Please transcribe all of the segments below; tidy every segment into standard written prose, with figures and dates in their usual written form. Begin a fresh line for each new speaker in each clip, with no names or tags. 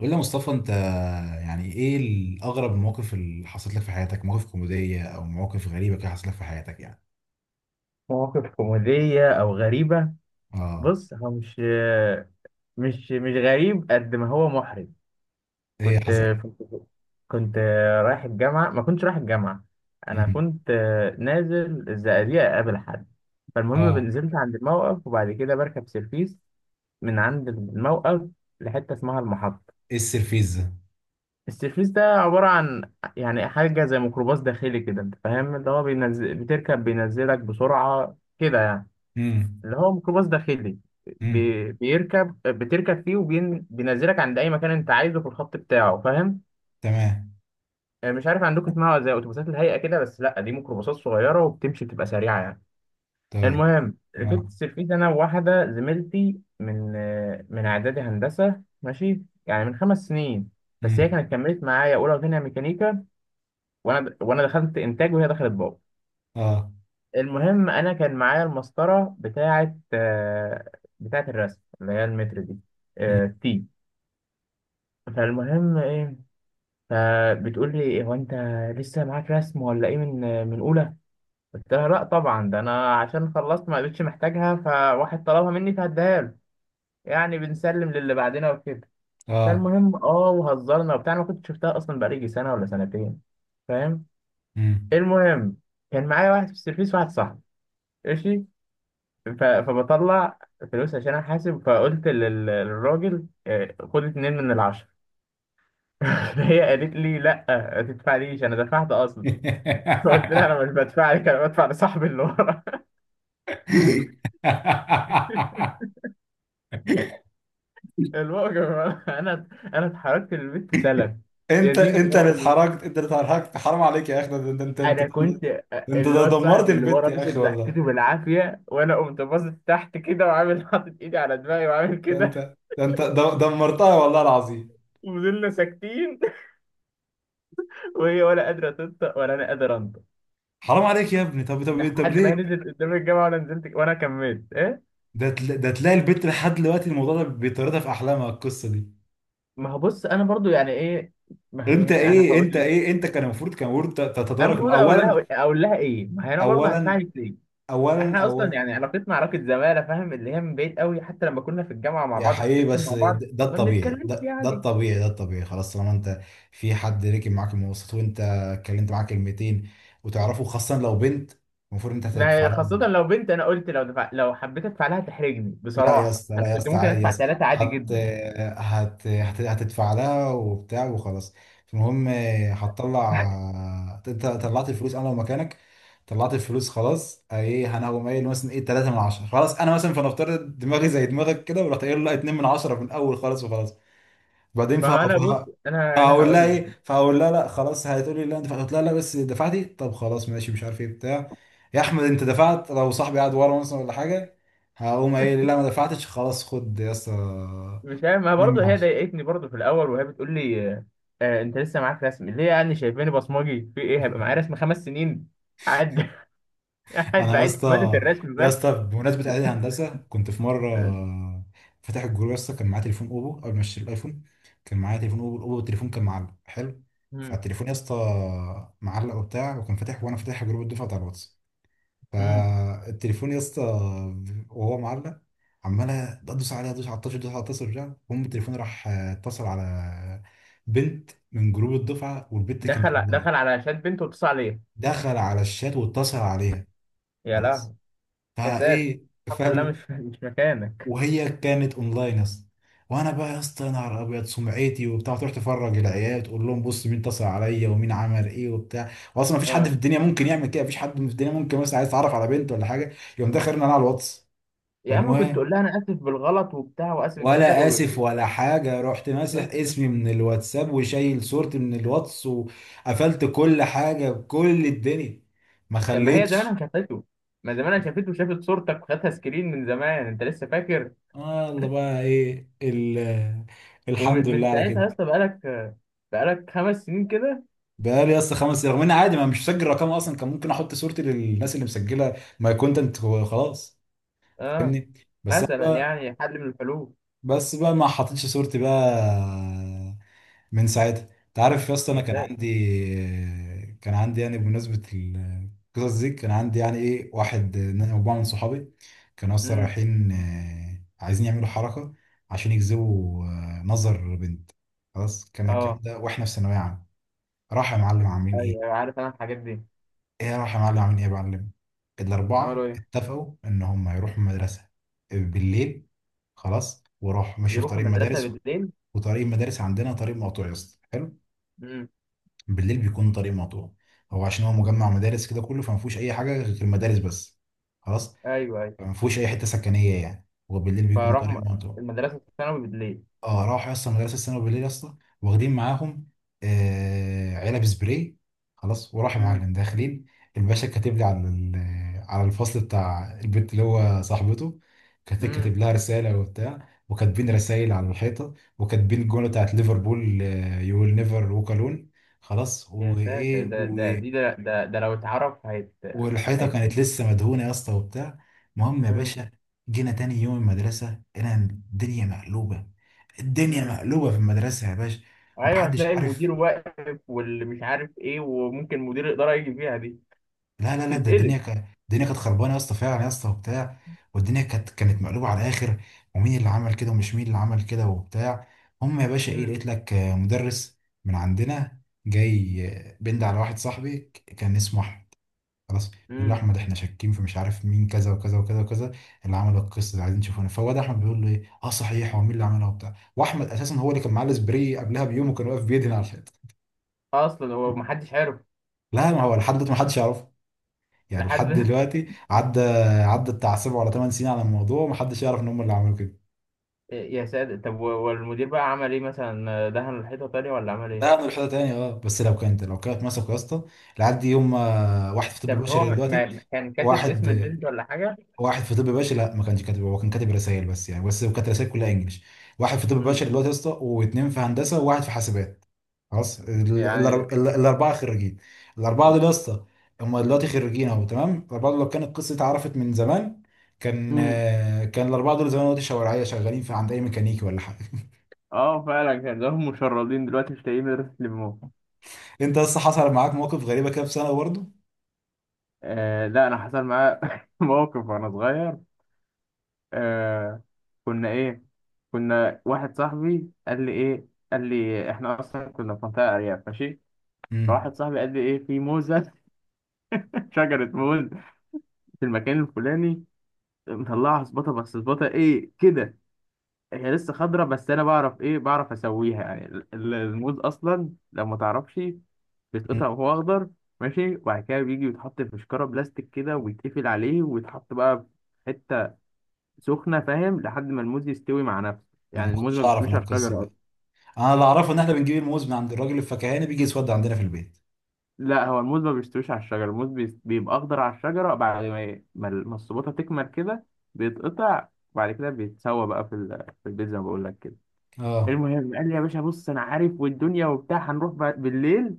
قول لي يا مصطفى، انت يعني ايه الاغرب المواقف اللي حصلت لك في حياتك؟ مواقف كوميديه او مواقف غريبه كده حصلت لك في حياتك يعني؟
مواقف كوميدية أو غريبة.
اه.
بص هو مش غريب قد ما هو محرج.
ايه
كنت
حصل؟
كنت كنت رايح الجامعة، ما كنتش رايح الجامعة، أنا
امم.
كنت نازل الزقازيق أقابل حد. فالمهم
اه.
نزلت عند الموقف وبعد كده بركب سيرفيس من عند الموقف لحتة اسمها المحطة.
ايه السرفيز ده؟
السيرفيس ده عبارة عن يعني حاجة زي ميكروباص داخلي كده، أنت فاهم، اللي هو بينزل بتركب بينزلك بسرعة كده يعني.
امم.
اللي هو ميكروباص داخلي،
امم.
بيركب بتركب فيه وبينزلك عند اي مكان انت عايزه في الخط بتاعه، فاهم؟
تمام.
مش عارف عندكم اسمها، زي اتوبيسات الهيئه كده، بس لا دي ميكروباصات صغيره وبتمشي بتبقى سريعه يعني.
طيب.
المهم ركبت
اه.
السيرفيس انا وواحده زميلتي من اعدادي هندسه، ماشي، يعني من خمس سنين. بس هي
امم.
كانت كملت معايا اولى وثانيه ميكانيكا، وانا دخلت انتاج وهي دخلت باور.
اه.
المهم انا كان معايا المسطره بتاعه بتاعه الرسم، اللي هي المتر دي،
امم.
تي. فالمهم ايه، فبتقول لي هو انت لسه معاك رسم ولا ايه من اولى؟ قلت لها لا طبعا، ده انا عشان خلصت ما بقتش محتاجها، فواحد طلبها مني فهديها له، يعني بنسلم للي بعدنا وكده.
اه.
فالمهم اه وهزرنا وبتاع، أنا ما كنت شفتها اصلا بقالي يجي سنه ولا سنتين، فاهم.
امم.
المهم كان معايا واحد في السيرفيس، واحد صاحبي، ماشي. فبطلع فلوس عشان احاسب، فقلت للراجل خد اتنين من العشرة. فهي قالت لي لا، ما تدفعليش انا دفعت اصلا. فقلت لها انا مش بدفع لك، انا بدفع لصاحبي اللي ورا. الموقف، انا انا اتحركت من البيت سلم. يا
انت
دين
انت اللي
امي.
اتحركت، انت اللي اتحركت. حرام عليك يا اخي، ده انت انت.
انا كنت،
انت ده
الواد
دمرت
صاحب اللي
البيت
ورا
يا
مسك
اخي والله!
ضحكته بالعافيه، وانا قمت باصص تحت كده وعامل حاطط ايدي على دماغي وعامل
ده انت
كده.
ده انت دمرتها والله العظيم.
وفضلنا ساكتين، وهي ولا قادره تنطق ولا انا قادر انطق،
حرام عليك يا ابني. طب
لحد ما هي
ليه؟
نزلت قدام الجامعه وانا نزلت وانا كملت ايه.
ده تلاقي البت لحد دلوقتي الموضوع ده بيطاردها في احلامها، القصه دي.
ما هو بص انا برضو يعني ايه، ما
انت
هي انا
ايه
هقول
انت
لك،
ايه انت كان المفروض،
انا
تتدارك
المفروض اقول لها اقول لها ايه؟ ما هي انا برضو هدفع
اولا
لك ليه؟
اولا
احنا اصلا
اولا.
يعني علاقتنا علاقه زماله، فاهم، اللي هي من بعيد قوي، حتى لما كنا في الجامعه مع
يا
بعض في
حقيقي،
السكشن
بس
مع بعض
ده
ما
الطبيعي،
بنتكلمش
ده
يعني.
الطبيعي، ده الطبيعي خلاص، طالما انت في حد ركب معاك المواصلات وانت اتكلمت معاه كلمتين، وتعرفه، خاصه لو بنت، المفروض انت
ما
هتدفع
هي خاصه
لها.
لو بنت انا قلت لو دفع، لو حبيت ادفع لها تحرجني،
لا يا
بصراحه
اسطى لا
انا
يا
كنت
اسطى
ممكن
عادي يا
ادفع
اسطى،
ثلاثه عادي جدا.
هتدفع لها وبتاع وخلاص. المهم هتطلع. انت طلعت الفلوس. انا لو مكانك طلعت الفلوس خلاص، ايه، انا هقوم قايل مثلا ايه 3 من 10 خلاص. انا مثلا فنفترض دماغي زي دماغك كده، ورحت قايل لا، 2 من 10 من الاول خالص وخلاص، بعدين
ما هو
فهقف.
انا بص، انا
فهقول لها
هقول
ايه؟
لك.
فهقول لها لا خلاص. هتقولي لا انت دفعت، قلت لها لا بس دفعتي، طب خلاص ماشي، مش عارف ايه بتاع. يا احمد انت دفعت، لو صاحبي قاعد ورا مثلا ولا حاجه هقوم قايل لي لا ما دفعتش، خلاص خد يا اسطى
مش عارف، ما
2
برضه
من
هي
10.
ضايقتني برضه في الاول وهي بتقول لي آه، انت لسه معاك رسم ليه؟ يعني شايفاني بصمجي في ايه هيبقى معايا رسم خمس سنين؟ قاعد قاعد
انا يا
بعيد في ماده
اسطى
الرسم
يا اسطى
بس.
بمناسبه اعدادي هندسه، كنت في مره
آه.
فاتح الجروب يا اسطى، كان معايا تليفون اوبو قبل ما اشتري الايفون. كان معايا تليفون اوبو، الاوبو التليفون كان معلق حلو.
مم.
فالتليفون يا اسطى معلق وبتاع، وكان فاتح وانا فاتح جروب الدفعه بتاع الواتس.
مم.
فالتليفون يا اسطى وهو معلق، عمال ادوس عليها، ادوس على الطشر، ادوس على الطشر وبتاع. المهم التليفون راح اتصل على بنت من جروب الدفعه، والبنت كانت
دخل
اونلاين.
دخل على شات بنت واتصل عليا.
دخل على الشات واتصل عليها،
يا
خلاص،
لهوي. يا ساتر.
فايه،
الحمد لله
فاهم؟
مش، مش مكانك.
وهي كانت اونلاين يا اسطى، وانا بقى يا اسطى يا نهار ابيض، سمعتي وبتاع، تروح تفرج العيال تقول لهم بص مين اتصل عليا ومين عمل ايه وبتاع. واصلا مفيش حد في
آه.
الدنيا ممكن يعمل كده، مفيش حد في الدنيا ممكن مثلا عايز يتعرف على بنت ولا حاجه يقوم داخل انا على الواتس.
يا عم كنت تقول
فالمهم،
لها انا اسف بالغلط وبتاع واسف جدا
ولا
و...
اسف ولا حاجه، رحت ماسح
قلت كده.
اسمي من الواتساب وشايل صورتي من الواتس، وقفلت كل حاجه بكل الدنيا، ما
طب ما هي
خليتش.
زمانها شافته، ما زمانها شافته وشافت صورتك وخدتها سكرين من زمان، انت لسه فاكر؟
آه الله بقى ايه الحمد
ومن
لله على
ساعتها يا
كده.
اسطى بقالك، بقالك خمس سنين كده.
بقالي يا اسطى خمس، رغم ان عادي، ما مش مسجل رقم اصلا، كان ممكن احط صورتي للناس اللي مسجله ماي كونتنت خلاص،
اه،
فاهمني؟ بس انا
مثلا
بقى.
يعني حل من الحلول.
بس بقى ما حطيتش صورتي بقى. من ساعتها، انت عارف يا اسطى، انا
يا
كان
ساتر.
عندي كان عندي يعني بمناسبه القصص دي، كان عندي يعني ايه، واحد انا وبعض من صحابي كانوا اصلا
امم.
رايحين عايزين يعملوا حركه عشان يجذبوا نظر بنت. خلاص، كان الكلام
اه.
ده واحنا في ثانويه عامه. راح يا معلم عاملين ايه
ايوه ايوه عارف انا الحاجات دي.
راح يا معلم عاملين ايه يا معلم.
عملوا
الاربعه
ايه؟
اتفقوا ان هم يروحوا المدرسه بالليل. خلاص وراحوا ماشي في
يروحوا
طريق
المدرسه
المدارس،
بالليل؟
وطريق المدارس عندنا طريق مقطوع يا اسطى حلو.
امم.
بالليل بيكون طريق مقطوع. هو عشان هو مجمع مدارس كده كله، فما فيهوش اي حاجه غير المدارس بس، خلاص.
ايوه ايوه.
فما فيهوش اي حته سكنيه يعني، هو بالليل بيكون
فراحوا
طريق
م-
مقطوع.
المدرسه الثانوي بالليل.
اه، راحوا يا اسطى مدرسه الثانوي بالليل يا اسطى، واخدين معاهم علب سبراي. خلاص وراح يا
امم.
معلم داخلين. الباشا كاتب لي على على الفصل بتاع البنت اللي هو صاحبته، كاتب
امم.
لها رساله وبتاع، وكاتبين رسائل على الحيطه. وكاتبين الجمله بتاعت ليفربول: يو ويل نيفر ووك الون. خلاص،
يا ساتر،
وايه،
ده ده دي ده ده، ده لو اتعرف هيت،
والحيطه كانت
هيتفش.
لسه مدهونه يا اسطى وبتاع. المهم يا
امم.
باشا، جينا تاني يوم المدرسه، انا الدنيا مقلوبه، الدنيا
امم.
مقلوبه في المدرسه يا باشا.
ايوه
محدش
هتلاقي
عارف.
المدير واقف واللي مش عارف ايه، وممكن مدير الاداره يجي فيها دي
لا لا لا، ده
تتقلب.
الدنيا كانت الدنيا كانت خربانه يا اسطى فعلا يا اسطى وبتاع. والدنيا كانت مقلوبه على الاخر. ومين اللي عمل كده، ومش مين اللي عمل كده، وبتاع. هم يا باشا ايه، لقيت لك مدرس من عندنا جاي، بند على واحد صاحبي كان اسمه احمد، خلاص. بيقول له:
امم.
احمد، احنا شاكين في مش عارف مين، كذا وكذا وكذا وكذا. اللي عمل القصه دي عايزين نشوفه. فهو ده احمد بيقول له ايه: اه صحيح، هو مين اللي عملها وبتاع؟ واحمد اساسا هو اللي كان معاه السبراي قبلها بيوم وكان واقف بيدهن على الحيطه.
اصلا هو محدش عارف.
لا ما هو لحد دلوقتي ما حدش يعرفه يعني. لحد
لحد.
دلوقتي عدى بتاع 7 ولا 8 سنين على الموضوع، وما حدش يعرف ان هم اللي عملوا كده.
يا ساتر، طب والمدير بقى عمل ايه؟ مثلا دهن الحيطه تاني ولا عمل ايه؟
لا، انا الحته تاني، اه، بس لو كانت مسكوا يا اسطى العيال دي، هم واحد في طب
طب هو
بشري دلوقتي.
كان كاتب
واحد
اسم البنت ولا حاجه؟
واحد في طب بشري. لا، ما كانش كاتب، هو كان كاتب رسائل بس يعني، بس كانت رسائل كلها انجلش. واحد في طب
مم.
بشري دلوقتي يا اسطى، واثنين في هندسه، وواحد في حاسبات. خلاص،
يعني.
الاربعه خريجين. الاربعه دول يا اسطى هم دلوقتي خريجين اهو، تمام. الاربعه دول لو كانت القصه اتعرفت من زمان، كان
مم.
آه، كان الاربعه دول زمان دلوقتي شوارعيه، شغالين في عند اي ميكانيكي ولا حاجه.
اه فعلا كان لهم مشردين دلوقتي مش لاقيين مدرسة يلموهم.
انت لسه حصل معاك مواقف غريبه كده في ثانوي برضه؟
آه لا، انا حصل معايا موقف وانا صغير. آه. كنا ايه، كنا، واحد صاحبي قال لي ايه، قال لي احنا اصلا كنا في منطقة ارياف، ماشي. فواحد
امم.
صاحبي قال لي ايه، في موزة، شجرة موز في المكان الفلاني، مطلعها سباطة، بس سباطة ايه كده، هي لسه خضرة. بس انا بعرف ايه، بعرف اسويها يعني، الموز اصلا لو ما تعرفش
أمم.
بيتقطع وهو اخضر. ماشي، وبعد كده بيجي يتحط في شكارة بلاستيك كده، ويتقفل عليه ويتحط بقى في حتة سخنة، فاهم، لحد ما الموز يستوي مع نفسه.
انا ما
يعني الموز ما
كنتش اعرف
بيستويش
انا
على
القصه
الشجرة
دي.
اصلا.
انا اللي اعرفه ان احنا بنجيب الموز من عند الراجل الفكهاني، بيجي يسود عندنا في البيت.
لا هو الموز ما بيستويش على الشجرة، الموز بيبقى اخضر على الشجرة، بعد ما ما السباطة تكمل كده بيتقطع، وبعد كده بيتسوى بقى في البيت زي ما بقول لك كده.
اه.
المهم قال لي يا باشا، بص انا عارف والدنيا وبتاع، هنروح بالليل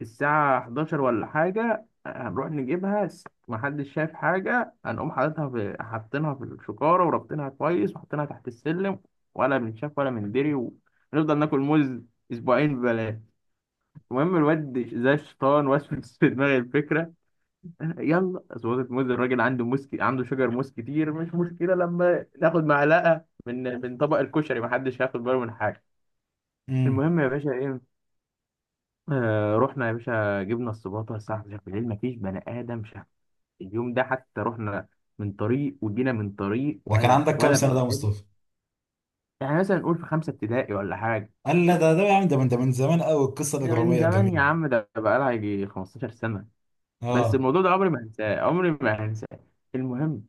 الساعة 11 ولا حاجة، هنروح نجيبها، محدش شايف حاجة، هنقوم حاططها في، حاطينها في الشكارة وربطينها كويس وحاطينها تحت السلم، ولا بنشاف ولا مندري، ونفضل ناكل موز اسبوعين ببلاش. المهم الواد زي الشيطان وسوس في دماغي الفكرة. يلا سويت موز، الراجل عنده موز عنده شجر موز كتير، مش مشكلة لما ناخد معلقة من طبق الكشري، محدش هياخد باله من حاجة.
امم.
المهم يا باشا رحنا يا باشا جبنا السباطة الساعة 11 بالليل، مفيش بني آدم شاف اليوم ده حتى. رحنا من طريق وجينا من طريق،
ده كان
ولا
عندك كام
ولا
سنه ده
بني
يا
آدم.
مصطفى؟
يعني مثلا نقول في خمسة ابتدائي ولا حاجة.
قال لا، ده يا عم، ده من زمان قوي، القصه
ده من
الاجراميه
زمان
الجميله.
يا عم، ده بقالها يجي 15 سنة، بس
اه.
الموضوع ده عمري ما هنساه، عمري ما هنساه. المهم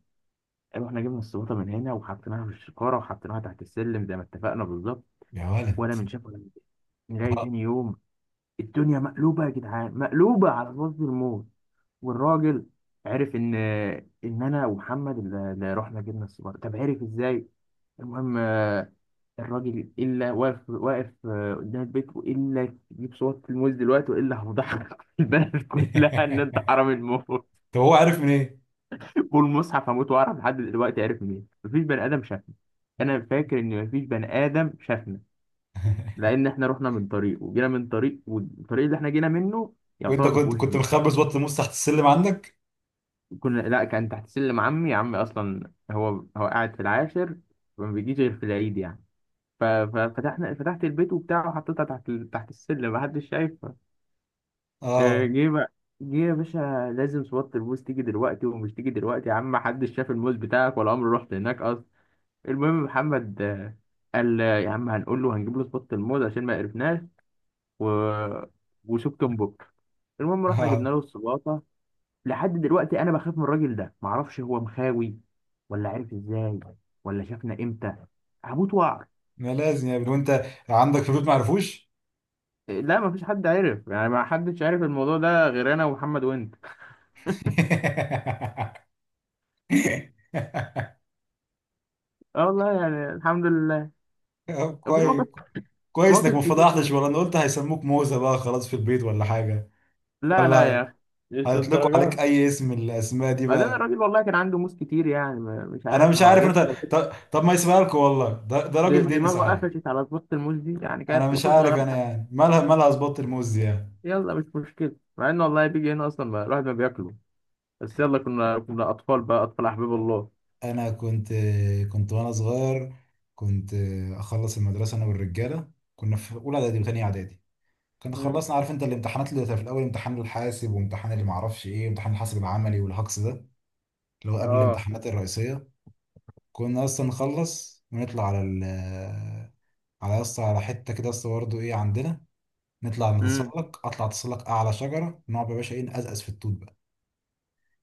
رحنا جبنا السباطة من هنا وحطيناها في الشكارة وحطيناها تحت السلم زي ما اتفقنا بالظبط.
يا ولد.
ولا من شاف ولا من شاف. نلاقي تاني يوم الدنيا مقلوبة يا جدعان، مقلوبة على وش الموت. والراجل عرف ان، ان انا ومحمد اللي رحنا جبنا السيجاره، طب عرف ازاي؟ المهم الراجل الا واقف قدام البيت، والا يجيب صوت الموز دلوقتي، والا هفضحك البلد كلها ان انت حرامي الموت.
طب هو عارف من ايه؟
والمصحف هموت واعرف، لحد دلوقتي عرف مين، مفيش بني ادم شافنا. انا فاكر ان مفيش بني ادم شافنا، لان احنا رحنا من طريق وجينا من طريق، والطريق اللي احنا جينا منه
وانت
يعتبر ما
كنت
فيهوش.
كنت مخبز بطل موس تحت السلم عندك؟
كنا، لا كان تحت سلم عمي، عمي اصلا هو، هو قاعد في العاشر، ما بيجيش غير في العيد يعني. ففتحنا، فتحت البيت وبتاع وحطيتها تحت تحت السلم، محدش شايفها.
اه.
جه بقى، جه يا باشا لازم صوت الموز تيجي دلوقتي، ومش تيجي دلوقتي يا عم، محدش شاف الموز بتاعك، ولا عمري رحت هناك اصلا. المهم محمد قال يا عم هنقول له، هنجيب له صوت الموز عشان ما قرفناش، و... وشوف كم بكره. المهم رحنا
اه.
جبنا له الصباطه. لحد دلوقتي انا بخاف من الراجل ده، معرفش هو مخاوي، ولا عرف ازاي، ولا شافنا امتى، هموت وعر.
ما لازم يا ابني، وانت عندك في البيت ما عرفوش؟
لا مفيش حد عرف يعني، ما حدش عرف الموضوع ده غير انا ومحمد وانت. اه والله يعني الحمد لله.
طب
وفي
كويس.
مواقف،
كويس انك
مواقف
ما
كتير
فضحتش،
بقى.
ولا انا قلت هيسموك موزه بقى خلاص في البيت ولا حاجه.
لا لا يا
ولا
اخي، مش
هيطلقوا عليك
للدرجات.
اي اسم من الاسماء دي
بعدين
بقى.
الراجل والله كان عنده موس كتير، يعني مش
انا
عارف
مش
هو
عارف،
جت
انت
على طول،
طب ما يسمع لكم والله، ده راجل ديني
دماغه
صحيح.
قفشت على طبخة الموس دي، يعني كانت
انا مش
موتة
عارف،
صغيرة.
انا يعني، مالها اظبط الموز دي يعني.
يلا مش مشكلة، مع انه والله بيجي هنا اصلا الواحد ما بياكله، بس يلا كنا اطفال بقى، اطفال احباب الله.
انا كنت كنت وانا صغير، كنت اخلص المدرسه انا والرجاله، كنا في اولى اعدادي وثانيه اعدادي، كنا
مم.
خلصنا. عارف انت الامتحانات اللي في الاول، امتحان الحاسب وامتحان اللي معرفش ايه وامتحان الحاسب العملي والهكس ده، اللي هو قبل
اه.
الامتحانات الرئيسيه. كنا اصلا نخلص ونطلع على على اصلا على حته كده اصلا، برضه ايه عندنا. نطلع
امم.
نتسلق اطلع اتسلق اعلى شجره، نقعد بقى يا باشا ايه، نقزقز في التوت بقى.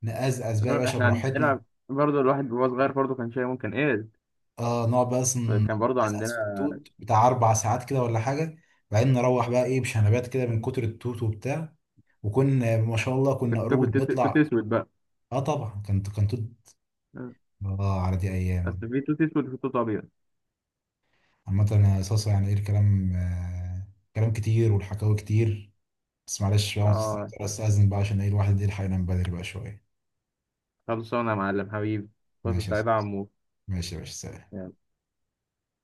نقزقز بقى يا باشا
احنا
براحتنا.
عندنا برضه، الواحد وهو صغير برضه كان شاي ممكن ايه،
اه، نقعد بقى اصلا،
كان برضه
نقزقز
عندنا.
في التوت بتاع 4 ساعات كده ولا حاجه. بعدين نروح بقى ايه بشنبات كده من
مم.
كتر التوت وبتاع. وكنا ما شاء الله كنا
كنت بتاكل
قرود
توت، توت
نطلع.
اسود بقى.
اه طبعا، كان توت.
مم.
اه، على دي ايام.
اصل في توت اسود وفي توت ابيض.
عامه يا صاصه يعني، ايه الكلام. كلام كتير والحكاوي كتير. بس معلش بقى،
اه.
مضطر استاذن بقى، عشان ايه الواحد يلحق ينام بدري بقى شويه.
خلصانه يا معلم حبيبي. فرصه
ماشي يا
سعيده يا
صاصة.
عمو.
ماشي يا باشا. سلام.